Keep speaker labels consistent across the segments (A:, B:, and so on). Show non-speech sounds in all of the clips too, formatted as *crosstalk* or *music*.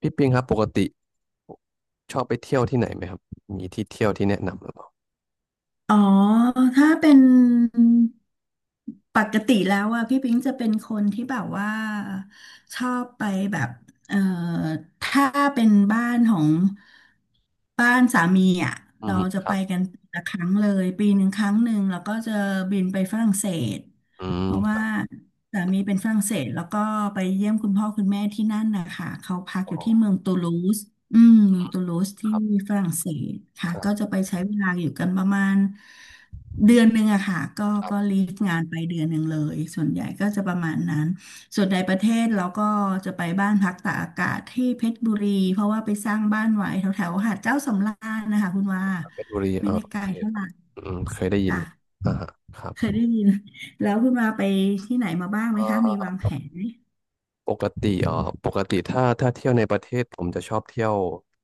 A: พี่ปิงครับปกติชอบไปเที่ยวที่ไหนไหมครับมีที่เที่ยวที่แนะนำหรือเปล่า
B: อ๋อ ถ้าเป็นปกติแล้วอะพี่ปิงจะเป็นคนที่แบบว่าชอบไปแบบเอ่อถ้าเป็นบ้านของบ้านสามีอะ
A: อื
B: เรา
A: ม
B: จะ
A: ค
B: ไป
A: รับ
B: กันละครั้งเลยปีหนึ่งครั้งหนึ่งแล้วก็จะบินไปฝรั่งเศส
A: อื
B: เพ
A: ม
B: ราะว่าสามีเป็นฝรั่งเศสแล้วก็ไปเยี่ยมคุณพ่อคุณแม่ที่นั่นนะคะเขาพักอ
A: อ๋
B: ยู่ที่เมื
A: อ
B: องตูลูสอืมเมืองตูลูส
A: ค
B: ที่
A: รับ
B: ฝรั่งเศสค่ะ
A: ครับ
B: ก็จะไปใช้เวลาอยู่กันประมาณเดือนหนึ่งอะค่ะก็
A: ครั
B: ก็
A: บ
B: ลีฟงานไปเดือนหนึ่งเลยส่วนใหญ่ก็จะประมาณนั้นส่วนในประเทศเราก็จะไปบ้านพักตากอากาศที่เพชรบุรีเพราะว่าไปสร้างบ้านไว้แถวแถวหาดเจ้าสำราญนะคะคุณว่า
A: เพชรบุรี
B: ไม่ได้ไก
A: โอ
B: ล
A: เค
B: เท่า
A: ค
B: ไห
A: รับ
B: ร่
A: อืมเคยได้ยิน
B: จ้ะ
A: อ่าฮะครับ
B: เคยได้ยินแล้วคุณมาไปที่ไหนมาบ้างไหม
A: เอ่
B: คะมี
A: อ
B: วางแผนไหม
A: ปกติอ๋อปกติถ้าเที่ยวในประเทศผมจะชอบเที่ยว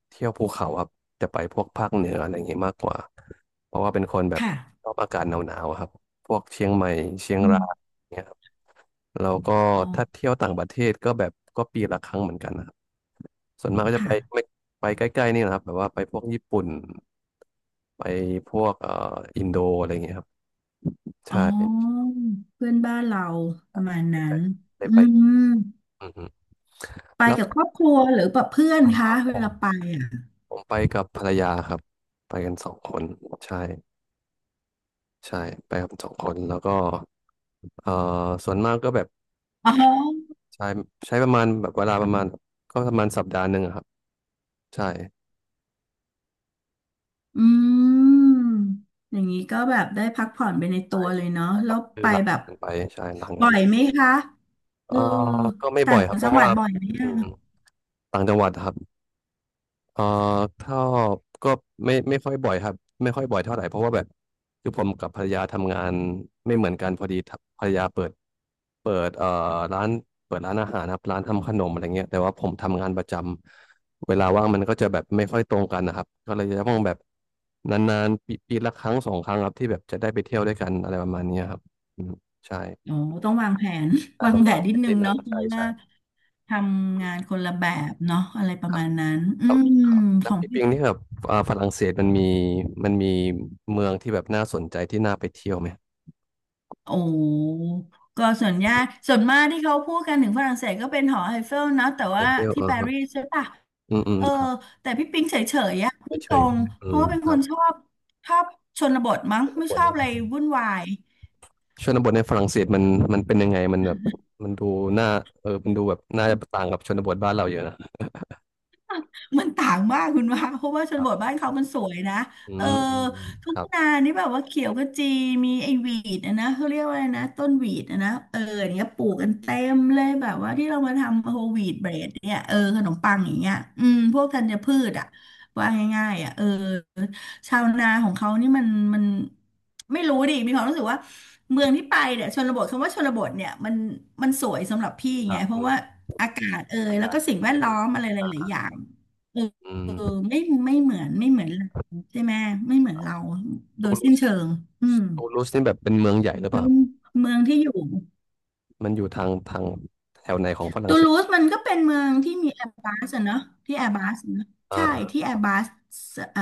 A: เที่ยวภูเขาครับจะไปพวกภาคเหนืออะไรอย่างงี้มากกว่าเพราะว่าเป็นคนแบบช
B: ค่ะ
A: อบอากาศหนาวๆอะครับพวกเชียงใหม่เชียง
B: อื
A: ราย
B: ม
A: เนี่ย แล้วก็
B: อ๋อ
A: ถ้าเที่ยวต่างประเทศก็แบบก็ปีละครั้งเหมือนกันนะครับส่วนมากก็จะ
B: ค่ะ
A: ไปไม่ไปใกล้ๆนี่นะครับแบบว่าไปพวกญี่ปุ่นไปพวกอินโดอะไรอย่างเงี้ยครับใช
B: อ๋
A: ่
B: อเพื่อนบ้านเราประมาณนั้
A: ใกล้
B: น
A: ๆได้
B: อื
A: ไป
B: ม
A: อือฮึ
B: ไป
A: แล้ว
B: กับครอบครัวหรือแบบเพื่อน
A: เอ่อ
B: คะเว
A: ผม
B: ลาไปอ่ะ
A: ผมไปกับภรรยาครับไปกันสองคนใช่ใช่ไปกับสองคนแล้วก็เอ่อส่วนมากก็แบบ
B: อ๋อ
A: ใช้ใช้ประมาณแบบเวลาประมาณก็ประมาณสัปดาห์หนึ่งอะครับใช่
B: อืมอย่างนี้ก็แบบได้พักผ่อนไปในตั
A: ใช่
B: วเลยเนาะ
A: ใช่ค
B: แล้
A: รับ
B: ว
A: คือ
B: ไป
A: หลัง
B: แบบ
A: งานไปใช่หลังงา
B: บ่อ
A: น
B: ยไหมคะเอ
A: เอ่อ
B: อ
A: ก็ไม่บ่
B: ต่า
A: อย
B: ง
A: ครับ เพ
B: จั
A: ราะ
B: งหวั
A: ว่า
B: ดบ่อยไหม
A: อื
B: อะ
A: มต่างจังหวัดครับเอ่อถ้าก็ไม่ค่อยบ่อยครับไม่ค่อยบ่อยเท่าไหร่เพราะว่าแบบคือผมกับภรรยาทำงานไม่เหมือนกันพอดีทำภรรยาเปิดร้านเปิดร้านอาหารครับร้านทำขนมอะไรเงี้ยแต่ว่าผมทำงานประจำเวลาว่างมันก็จะแบบไม่ค่อยตรงกันนะครับก็เลยจะต้องแบบนานๆปีละครั้งสองครั้งครับที่แบบจะได้ไปเที่ยวด้วยกันอะไรประมาณเนี้ยครับอืมใช่
B: โอ้ต้องวางแผน *laughs*
A: น่า
B: วา
A: ต้
B: ง
A: อง
B: แผ
A: วา
B: น
A: งแผ
B: นิด
A: น
B: นึ
A: นิ
B: ง
A: ดนึ
B: เนาะ
A: ง
B: เพ
A: ใช่
B: ราะ
A: ใช่
B: ว่าทำงานคนละแบบเนาะอะไรประมาณนั้นอื
A: ครับ
B: ม
A: ครับ
B: ข
A: แล้ว
B: อง
A: พี่
B: พี่
A: ปิงนี่แบบอ่าฝรั่งเศสมันมีเมืองที่แบบน่าสนใจที่น่าไปเที่ยวไหม
B: โอ้ก็ส่วนยากส่วนมากที่เขาพูดกันถึงฝรั่งเศสก็เป็นหอไอเฟลนะแต่
A: ไอ
B: ว่า
A: เฟลเอ
B: ที่
A: อ
B: ปา
A: ครับ
B: รีสใช่ปะ
A: อืมอืม
B: เออ
A: ครับ
B: แต่พี่ปิงเฉยๆอะ
A: ไป
B: พูด
A: เฉ
B: ตร
A: ยๆ
B: ง
A: ใช่ไหมอื
B: เพราะ
A: ม
B: ว่าเป็น
A: ค
B: ค
A: รั
B: น
A: บ
B: ชอบชอบชนบทมั้ง
A: ชน
B: ไม่
A: บ
B: ชอบอะ
A: ท
B: ไรวุ่นวาย
A: ชนบทในฝรั่งเศสมันมันเป็นยังไงมันแบบมันดูน่าเออมันดูแบบน่าจะต่างกับชนบทบ้านเราเยอะนะ
B: มันต่างมากคุณว่าเพราะว่าช
A: ค
B: น
A: รั
B: บท
A: บ
B: บ้านเขามันสวยนะ
A: อื
B: เออ
A: มอืมอืม
B: ทุ่
A: ค
B: ง
A: รับ
B: นานี่แบบว่าเขียวขจีมีไอ้หวีดอะนะเขาเรียกว่าอะไรนะต้นหวีดอะนะเอออย่างเนี้ยปลูกกันเต็มเลยแบบว่าที่เรามาทำโฮลวีดเบรดเนี่ยเออขนมปังอย่างเงี้ยอืมพวกธัญพืชอ่ะว่าง่ายๆอ่ะเออชาวนาของเขานี่มันไม่รู้ดิมีความรู้สึกว่าเมืองที่ไปเนี่ยชนบทคำว่าชนบทเนี่ยมันสวยสำหรับพี่
A: ค
B: ไง
A: รับ
B: เพราะ
A: อื
B: ว่า
A: ม
B: อากาศเอย
A: อา
B: แล้ว
A: กาศ
B: ก็สิ่งแวด
A: ใช่ไหม
B: ล้อมอะไรห
A: อ่
B: ลาย
A: า
B: ๆอย่าง
A: อืม
B: ไม่ไม่เหมือนเราใช่ไหมไม่เหมือนเราโด
A: ตู
B: ย
A: ลู
B: สิ้น
A: ส
B: เชิงอืม
A: ตูลูสนี่แบบเป็นเมืองใหญ่หรือเป
B: แล้
A: ล่า
B: ว
A: ครับ
B: เมืองที่อยู่
A: มันอยู่ทางแถวไหนของฝรั่ง
B: ตู
A: เศ
B: ลู
A: ส
B: สมันก็เป็นเมืองที่มีแอร์บัสเนาะที่แอร์บัสเนอะ
A: อ่า
B: ใช่
A: อ่า
B: ที่แอร์บัสเอ่อ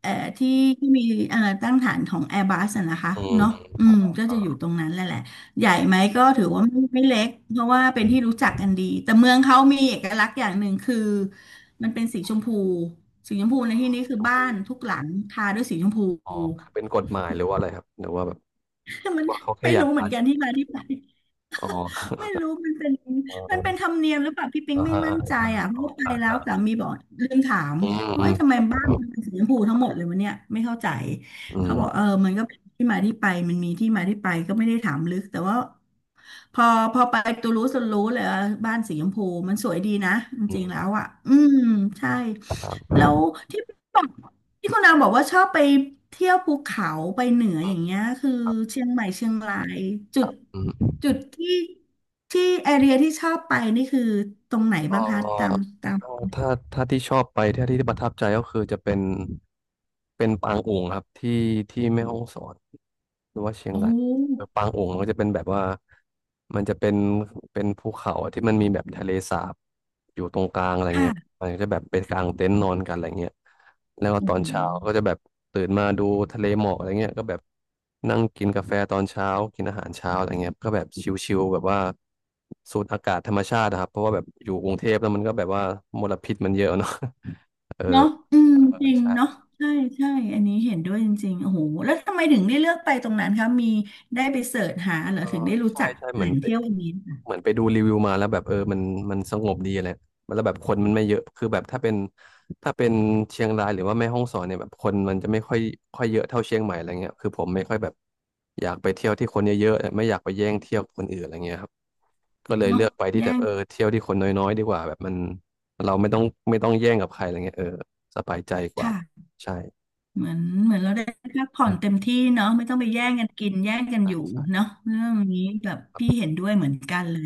B: เอ่อที่มีตั้งฐานของแอร์บัสนะคะ
A: อืม
B: เนาะ
A: อืม
B: อื
A: ครั
B: ม
A: บ
B: ก็จะอยู่
A: อ่า
B: ตรงนั้นแหละใหญ่ไหมก็ถือว่าไม่เล็กเพราะว่าเป็นที่รู้จักกันดีแต่เมืองเขามีเอกลักษณ์อย่างหนึ่งคือมันเป็นสีชมพูสีชมพูในที่นี้
A: สี
B: คือ
A: ชม
B: บ้า
A: พู
B: นทุกหลังทาด้วยสีชมพู
A: อ๋อเป็นกฎหมายหรือว่าอะไรครับ หรือว่าแบบ
B: *laughs* มัน
A: ว่าเขาแค่
B: ไม่
A: อยาก
B: รู้เหมื
A: ทา
B: อนกัน
A: สี
B: ที่มาที่ไป
A: อ๋อ
B: ไม่รู้
A: เอ
B: มันเป็นธร
A: อ
B: รมเนียมหรือเปล่าพี่ปิง
A: อ่า
B: ไม่
A: อ่า
B: มั่นใจ
A: อ่าอ่า
B: อ่ะเพราะว่าไป
A: อ่า
B: แล้วสา
A: อ่า
B: มีบอกลืมถาม
A: อืมอื
B: ว่าเอ้
A: ม
B: ยทำ
A: ค
B: ไม
A: รั
B: บ้า
A: บ
B: นมันเป็นสีชมพูทั้งหมดเลยวะเนี่ยไม่เข้าใจ
A: อื
B: เขา
A: ม
B: บอกเออมันก็เป็นที่มาที่ไปมันมีที่มาที่ไปก็ไม่ได้ถามลึกแต่ว่าพอพอไปตูลูสรู้เลยว่าบ้านสีชมพูมันสวยดีนะจ
A: อื
B: ริงๆแล้
A: ม
B: วอ่ะอืมใช่
A: ครับ
B: แล้วที่บอก ที่คุณนางบอกว่าชอบไปเที่ยวภูเขาไปเหนืออย่างเงี้ยคือ
A: ครับ
B: เชียงใหม่เชียงรายจุด
A: อื
B: จุ
A: ม
B: ดที่แอเรียที่ชอบไปนี่คือตรงไหน
A: เอ่
B: บ้าง
A: อ
B: คะตาม
A: ถ้าที่ชอบไปที่ประทับใจก็คือจะเป็นปางอุ๋งครับที่แม่ฮ่องสอนหรือว่าเชียง
B: โอ้
A: ราย ปางอุองก็จะเป็นแบบว่ามันจะเป็นภูเขาที่มันมีแบบทะเลสาบอยู่ตรงกลางอะไรเงี้ย
B: ค่ะ
A: มันก็จะแบบเป็นกลางเต็นท์นอนกันอะไรเงี้ยแล้วก็
B: อื
A: ต
B: อ
A: อน
B: หือ
A: เช้าก็จะแบบตื่นมาดูทะเลหมอกอะไรเงี้ยก็แบบนั่งกินกาแฟตอนเช้ากินอาหารเช้าอะไรเงี้ยก็แบบชิลๆแบบว่าสูดอากาศธรรมชาตินะครับเพราะว่าแบบอยู่กรุงเทพแล้วมันก็แบบว่ามลพิษมันเยอะเนาะ *laughs* เออ
B: เนาะอืม
A: เออ
B: จริงเนาะ
A: ใช่
B: ใช่ใช่อันนี้เห็นด้วยจริงๆโอ้โหแล้วทำไมถึงได้เลือกไปตรงนั้นคะมีได้ไปเสิร์ชหาเหรอ
A: เออ
B: ถึงได้รู้
A: ใช่
B: จัก
A: ใช่เห
B: แห
A: มื
B: ล่
A: อน
B: ง
A: ไป
B: เที่ยวอันนี้ค่ะ
A: เหมือนไปดูรีวิวมาแล้วแบบเออมันมันสงบดีอะไรแล้วแบบคนมันไม่เยอะคือแบบถ้าเป็นเชียงรายหรือว่าแม่ฮ่องสอนเนี่ยแบบคนมันจะไม่ค่อยค่อยเยอะเท่าเชียงใหม่อะไรเงี้ยคือผมไม่ค่อยแบบอยากไปเที่ยวที่คนเยอะๆไม่อยากไปแย่งเที่ยวคนอื่นอะไรเงี้ยครับก็เลยเลื
B: เนาะ
A: อกไปที่
B: แย่
A: แบบ
B: ง
A: เออเที่ยวที่คนน้อยๆดีกว่าแบบมันเราไม่ต้องแย่งกับใครอะไรเงี้ยเออสบายใจกว่า
B: ค่ะ
A: ใช่
B: เหมือนเหมือนเราได้พักผ่อ
A: อื
B: น
A: ม
B: เต็มที่เนาะไม่ต้องไปแย่งกันกินแย่งกัน
A: ใช่
B: อยู่
A: ใช่
B: เนาะเรื่องนี้แบบพี่เห็นด้วยเหมือนกันเลย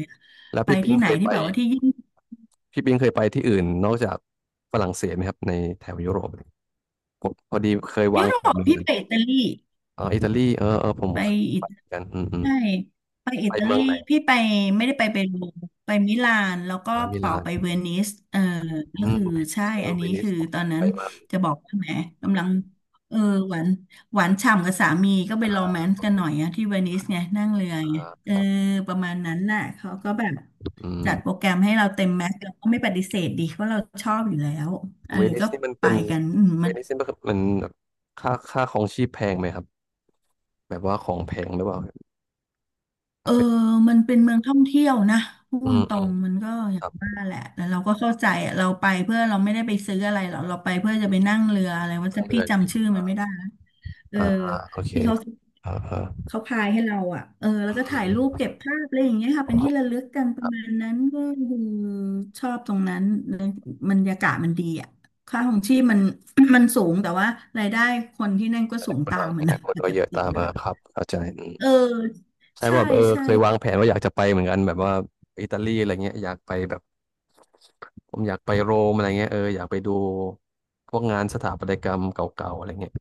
A: แล้ว
B: ไป
A: พี่ปิง
B: ที่ไหน
A: เคย
B: ที่
A: ไป
B: แบบว่าที่ยิ่ง
A: พี่ปิงเคยไปที่อื่นนอกจากฝรั่งเศสไหมครับในแถวยุโรป ผมพอดีเคยวา
B: ยุ
A: ง
B: โร
A: แผน
B: ป
A: เหมือน
B: พี่
A: กัน
B: ไปอิตาลี
A: อ๋ออิตาลีเออเออผม
B: ไป
A: เคย
B: อิ
A: ไปเหมือนกันอืมอืม
B: ใช่ไปอิ
A: ไป
B: ตา
A: เมื
B: ลี
A: องไหน
B: พี่ไปไม่ได้ไปเปรูไปมิลานแล้วก็
A: อ่ามิ
B: ต่อ
A: ลาน
B: ไปเวนิสเออ
A: อื
B: ก็
A: ม
B: คือ
A: เวนิ
B: ใช่
A: สเอ
B: อั
A: อ
B: น
A: เว
B: นี้
A: นิส
B: คือ
A: ผม
B: ตอ
A: อยา
B: น
A: ก
B: นั้
A: ไป
B: น
A: มาก
B: จะบอกว่าแหมกำลังเออหวานหวานฉ่ำกับสามีก็ไป
A: อ่า
B: โรแมนต์
A: โอ
B: กัน
A: เค
B: หน่อยอะที่เวนิสไงนั่งเรือไง
A: อ่า
B: เอ
A: ค
B: อ
A: รับ
B: ประมาณนั้นน่ะเขาก็แบบ
A: อื
B: จัดโปร
A: ม
B: แกรมให้เราเต็มแม็กซ์เราก็ไม่ปฏิเสธดีเพราะเราชอบอยู่แล้วเออ
A: เวนิ
B: ก็
A: สนี่มัน
B: ไป
A: เป็น
B: กันอืม
A: เว
B: มัน
A: นิสนี่มันคือมันค่าของชีพแพงไหมครับแบบว่าของแพงหรือเปล่าค
B: เอ
A: รับ
B: อ
A: เป็น
B: มันเป็นเมืองท่องเที่ยวนะพู
A: อื
B: ด
A: ม
B: ตร
A: อืม
B: งมันก็อ
A: ค
B: ย่า
A: รั
B: ง
A: บ
B: ว่าแหละแต่เราก็เข้าใจอะเราไปเพื่อเราไม่ได้ไปซื้ออะไรหรอกเราไปเพื่อจะไปนั่งเรืออะไรว่า
A: ต้อ
B: จะ
A: งเรื
B: พี่
A: อจริง
B: จำชื่อมันไม่ได้นะเออ
A: อ่าอ่าโอเค
B: ที่เขา
A: อ่าอ่า
B: เขาพายให้เราอ่ะเออแล้
A: อื
B: วก็
A: ม
B: ถ่าย
A: อื
B: รูป
A: ม
B: เก็บภาพอะไรอย่างเงี้ยค่ะเป็นที่ระ
A: อืม
B: ลึกกันประมาณนั้นก็คือชอบตรงนั้นบรรยากาศมันดีอ่ะค่าของชีพมัน *coughs* มันสูงแต่ว่ารายได้คนที่นั่นก็สูง
A: คน
B: ตามมั
A: อ
B: น
A: นา
B: นะ
A: คต
B: มัน
A: ก็
B: จ
A: เย
B: ก
A: อะ
B: ติ
A: ตา
B: ด
A: ม
B: อยู่
A: มา
B: แล้ว
A: ครับเข้าใจ
B: เออ
A: ใช่
B: ใช่
A: ว่าแบบ
B: ใช่
A: เคยวางแผนว่าอยากจะไปเหมือนกันแบบว่าอิตาลีอะไรเงี้ยอยากไปแบบผมอยากไปโรมอะไรเงี้ยอยากไปดูพวกงานสถาปัตยกรรมเก่าๆอะไรเงี้ย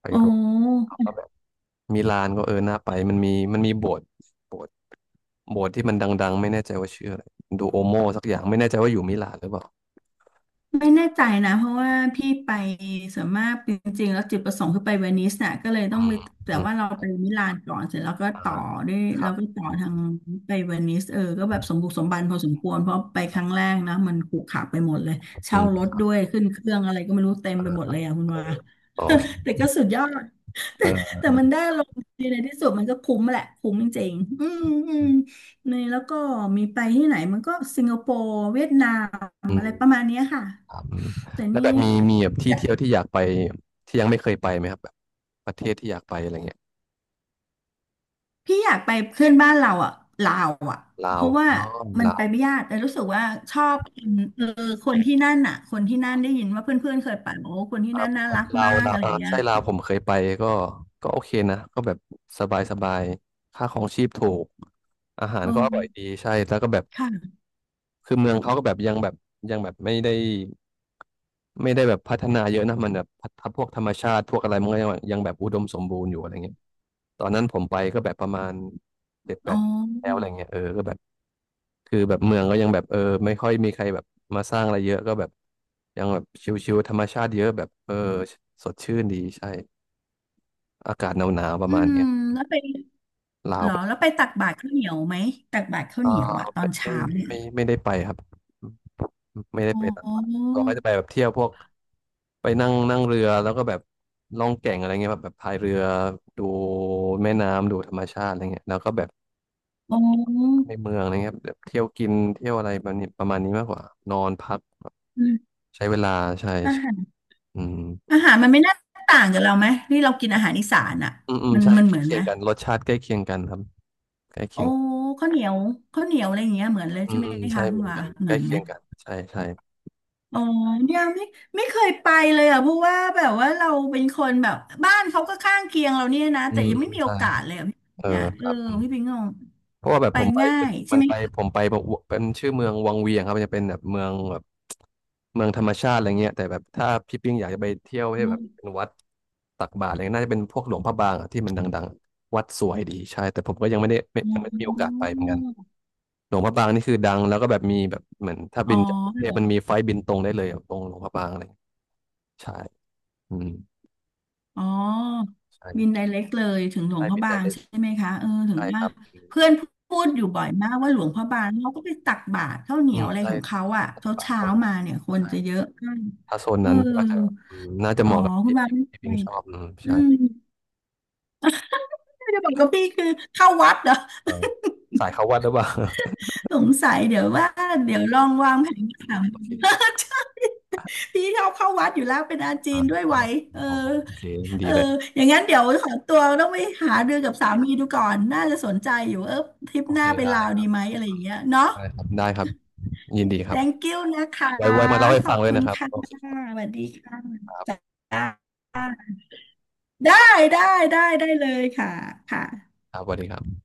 A: ไป
B: โอ้
A: โรมแล้วก็แบบมิลานก็น่าไปมันมีโบสถ์โบสถ์โบสถ์ที่มันดังๆไม่แน่ใจว่าชื่ออะไรดูโอโมสักอย่างไม่แน่ใจว่าอยู่มิลานหรือเปล่า
B: ไม่แน่ใจนะเพราะว่าพี่ไปส่วนมากจริงๆแล้วจุดประสงค์คือไปเวนิสน่ะก็เลยต้
A: อื
B: องไป
A: ม
B: แต่
A: อืม
B: ว่าเราไปมิลานก่อนเสร็จแล้วก็
A: อ่า
B: ต่อด้วย
A: ครั
B: เรา
A: บ
B: ก็ต่อ
A: อื
B: ทาง
A: ม
B: ไปเวนิสก็แบบสมบุกสมบันพอสมควรเพราะไป
A: ค
B: ค
A: รับ
B: รั้งแรกนะมันขรุขระไปหมดเลย
A: อื
B: เช่าร
A: ม
B: ถด้วยขึ้นเครื่องอะไรก็ไม่รู้เต็ม
A: เอ
B: ไป
A: อ
B: หมดเลยอ่ะคุณ
A: เออ
B: ว่า
A: โอ
B: *laughs*
A: เค
B: แต่ก็สุดยอด
A: เออ
B: แต่ได้ลงดีในที่สุดมันก็คุ้มแหละคุ้มจริงๆอืมอืมในแล้วก็มีไปที่ไหนมันก็สิงคโปร์เวียดนาม
A: อื
B: อะ
A: ม
B: ไรประมาณเนี้ยค่ะ
A: อืม
B: แต่
A: แล้ว
B: นี่
A: แบบมีแบบที่เที่ยวที่อยากไปที่ยังไม่เคยไปไหมครับแบบประเทศที่อยากไปอะไรเงี้ย
B: พี่อยากไปเพื่อนบ้านเราอ่ะลาวอ่ะ
A: ลา
B: เพ
A: ว
B: ราะว่า
A: อ๋อ
B: มัน
A: ลา
B: ไป
A: ว
B: ไม่ยากแต่รู้สึกว่าชอบคนคนที่นั่นอ่ะคนที่นั่นได้ยินว่าเพื่อนๆเคยไปบอกว่าคน
A: ค
B: ที่
A: รั
B: นั่
A: บ
B: นน่ารัก
A: ลา
B: มา
A: ว
B: ก
A: ลาว
B: อะไรอย่างเงี้ย
A: ใช่ลาวผมเคยไปก็ก็โอเคนะก็แบบสบายสบายค่าของชีพถูกอาหา
B: เ
A: รก็อร่อย
B: ออ
A: ดีใช่แล้วก็แบบ
B: ค่ะ
A: คือเมืองเขาก็แบบยังแบบยังแบบไม่ได้แบบพัฒนาเยอะนะมันแบบพัฒพวกธรรมชาติพวกอะไรมันก็ยังแบบอุดมสมบูรณ์อยู่อะไรเงี้ยตอนนั้นผมไปก็แบบประมาณเจ็ดแป
B: อ๋
A: ดแล้วอะ
B: อ
A: ไรเงี้ยก็แบบ คือแบบเมืองก็ยังแบบไม่ค่อยมีใครแบบมาสร้างอะไรเยอะก็แบบยังแบบชิวๆธรรมชาติเยอะแบบสดชื่นดีใช่อากาศหนาวๆประ
B: อื
A: มาณ
B: ม
A: เนี้ย
B: แล้วไป
A: ลา
B: เห
A: ว
B: รอ
A: ก็
B: แล้วไปตักบาตรข้าวเหนียวไหมตักบาตรข้าว
A: อ่า
B: เหนียวอ่ะตอ
A: ไม่
B: น
A: ไม่
B: เช้าเนี่ย
A: ไม่ได้ไปครับไม่ได้
B: อ๋
A: ไปต่างประเทศ
B: อ
A: เราก็จะไปแบบเที่ยวพวกไปนั่งนั่งเรือแล้วก็แบบล่องแก่งอะไรเงี้ยแบบพายเรือดูแม่น้ำดูธรรมชาติอะไรเงี้ยแล้วก็แบบ
B: อ๋อ
A: ในเมืองอะไรเงี้ยแบบเที่ยวกินเที่ยวอะไรแบบนี้ประมาณนี้มากกว่านอนพัก
B: อืม
A: ใช้เวลาใช่
B: อาหาร
A: อืมค
B: อา
A: รับ
B: หารมันไม่น่าต่างกับเราไหมนี่เรากินอาหารอีสานอ่ะ
A: อืมอืม
B: มัน
A: ใช่
B: มัน
A: ใกล้
B: เหมือน
A: เคี
B: ไห
A: ย
B: ม
A: งกันรสชาติใกล้เคียงกันครับใกล้เคี
B: โอ้
A: ยง
B: ข้าวเหนียวข้าวเหนียวอะไรอย่างเงี้ยเหมือนเลย
A: อื
B: ใช่
A: ม
B: ไหม
A: อืมใช่
B: คะคุ
A: เห
B: ณ
A: มือน
B: ว่า
A: กัน
B: เห
A: ใก
B: มื
A: ล้
B: อนไห
A: เคี
B: ม
A: ยงกันใช่ใช่
B: อ๋อเนี่ยไม่ไม่เคยไปเลยอ่ะเพราะว่าแบบว่าเราเป็นคนแบบบ้านเขาก็ข้างเคียงเราเนี่ยนะ
A: อื
B: แต่
A: ม
B: ยังไม่
A: อืม
B: มีโอ
A: ใช่
B: กาสเลยอะพี่
A: เออ
B: เนี่ย
A: ค
B: เออ
A: รับอืม
B: พี่ปิงงง
A: เพราะว่าแบบ
B: ไป
A: ผมไป
B: ง่ายใช่ไหมคะ
A: ผมไปบอกว่าเป็นชื่อเมืองวังเวียงครับมันจะเป็นแบบเมืองแบบเมืองธรรมชาติอะไรเงี้ยแต่แบบถ้าพี่ปิ้งอยากจะไปเที่ยวให้แบบเป็น
B: อ๋
A: วัดตักบาตรอะไรเงี้ยน่าจะเป็นพวกหลวงพระบางอะที่มันดังๆวัดสวยดีใช่แต่ผมก็ยังไม่ได้ไม่มีโอกาสไปเหมือน
B: อ
A: กัน หลวงพระบางนี่คือดังแล้วก็แบบมีแบบเหมือนถ้า
B: อ๋
A: บินจากกรุงเทพ
B: อ
A: มันมีไฟล์บินตรงได้เลยอะตรงหลวงพระบางอะไรอย่างเงี้ยใช่อืม
B: อ๋อบิน
A: ใช่
B: ไดเรกเลยถึงหลว
A: ใช่
B: งพระ
A: บิน
B: บา
A: ได้
B: ง
A: เลย
B: ใช่ไหมคะเออถึง
A: ใช่ค
B: ว่า
A: รับอืม
B: เพื่อนพูดอยู่บ่อยมากว่าหลวงพระบางเขาก็ไปตักบาตรข้าวเหนี
A: อื
B: ยว
A: ม
B: อะไร
A: ใช่
B: ของเขา
A: ใช่
B: อ่ะ
A: ปฏิ
B: เช้า
A: บัติ
B: เช้า
A: เข้าเนีย
B: มาเนี่ยคน
A: ใช่
B: จะเยอะมาก
A: ถ้าโซน
B: เออ
A: นั้นก็จะอืมน่าจะเห
B: อ๋อ
A: มาะกับ
B: คุณ
A: พี่
B: บา
A: ปิง
B: ไม่ไป
A: ชอบอืม
B: อื
A: ใช่
B: มไม่ดบอกกับพี่คือเข้าวัดเหรอ
A: เออสายเข้าวัดหรือเปล่า *laughs*
B: *laughs* สงสัยเดี๋ยวว่าเดี๋ยวลองวางแผนถาม
A: โอเค
B: *laughs* ใช่พี่ชอบเข้าวัดอยู่แล้วเป็นอาจี
A: อ่า
B: นด้วย
A: ช
B: ไหว
A: อบ
B: เออ
A: โอ้โหโอเค
B: เอ
A: ดี
B: อ
A: เลย
B: อย่างนั้นเดี๋ยวขอตัวต้องไปหาเรือกับสามีดูก่อน น่าจะสนใจอยู่เออทริป
A: โอ
B: ห
A: เค
B: น้าไป
A: ได้
B: ลาว
A: ครั
B: ดี
A: บ
B: ไหมอะไรอย่างเงี้ยเนาะ
A: ได้ครับได้ครับยินดีครับ
B: thank y o วนะคะ
A: ไว้มาเล่าให้
B: ขอ
A: ฟัง
B: บ
A: เลย
B: คุณ
A: นะครับ
B: ค่ะ
A: โอเคครับ
B: สวัสดีค่ะ
A: ครั
B: จ้
A: บ
B: าได้ได้ได้เลยค่ะค่ะ
A: ครับสวัสดีครับ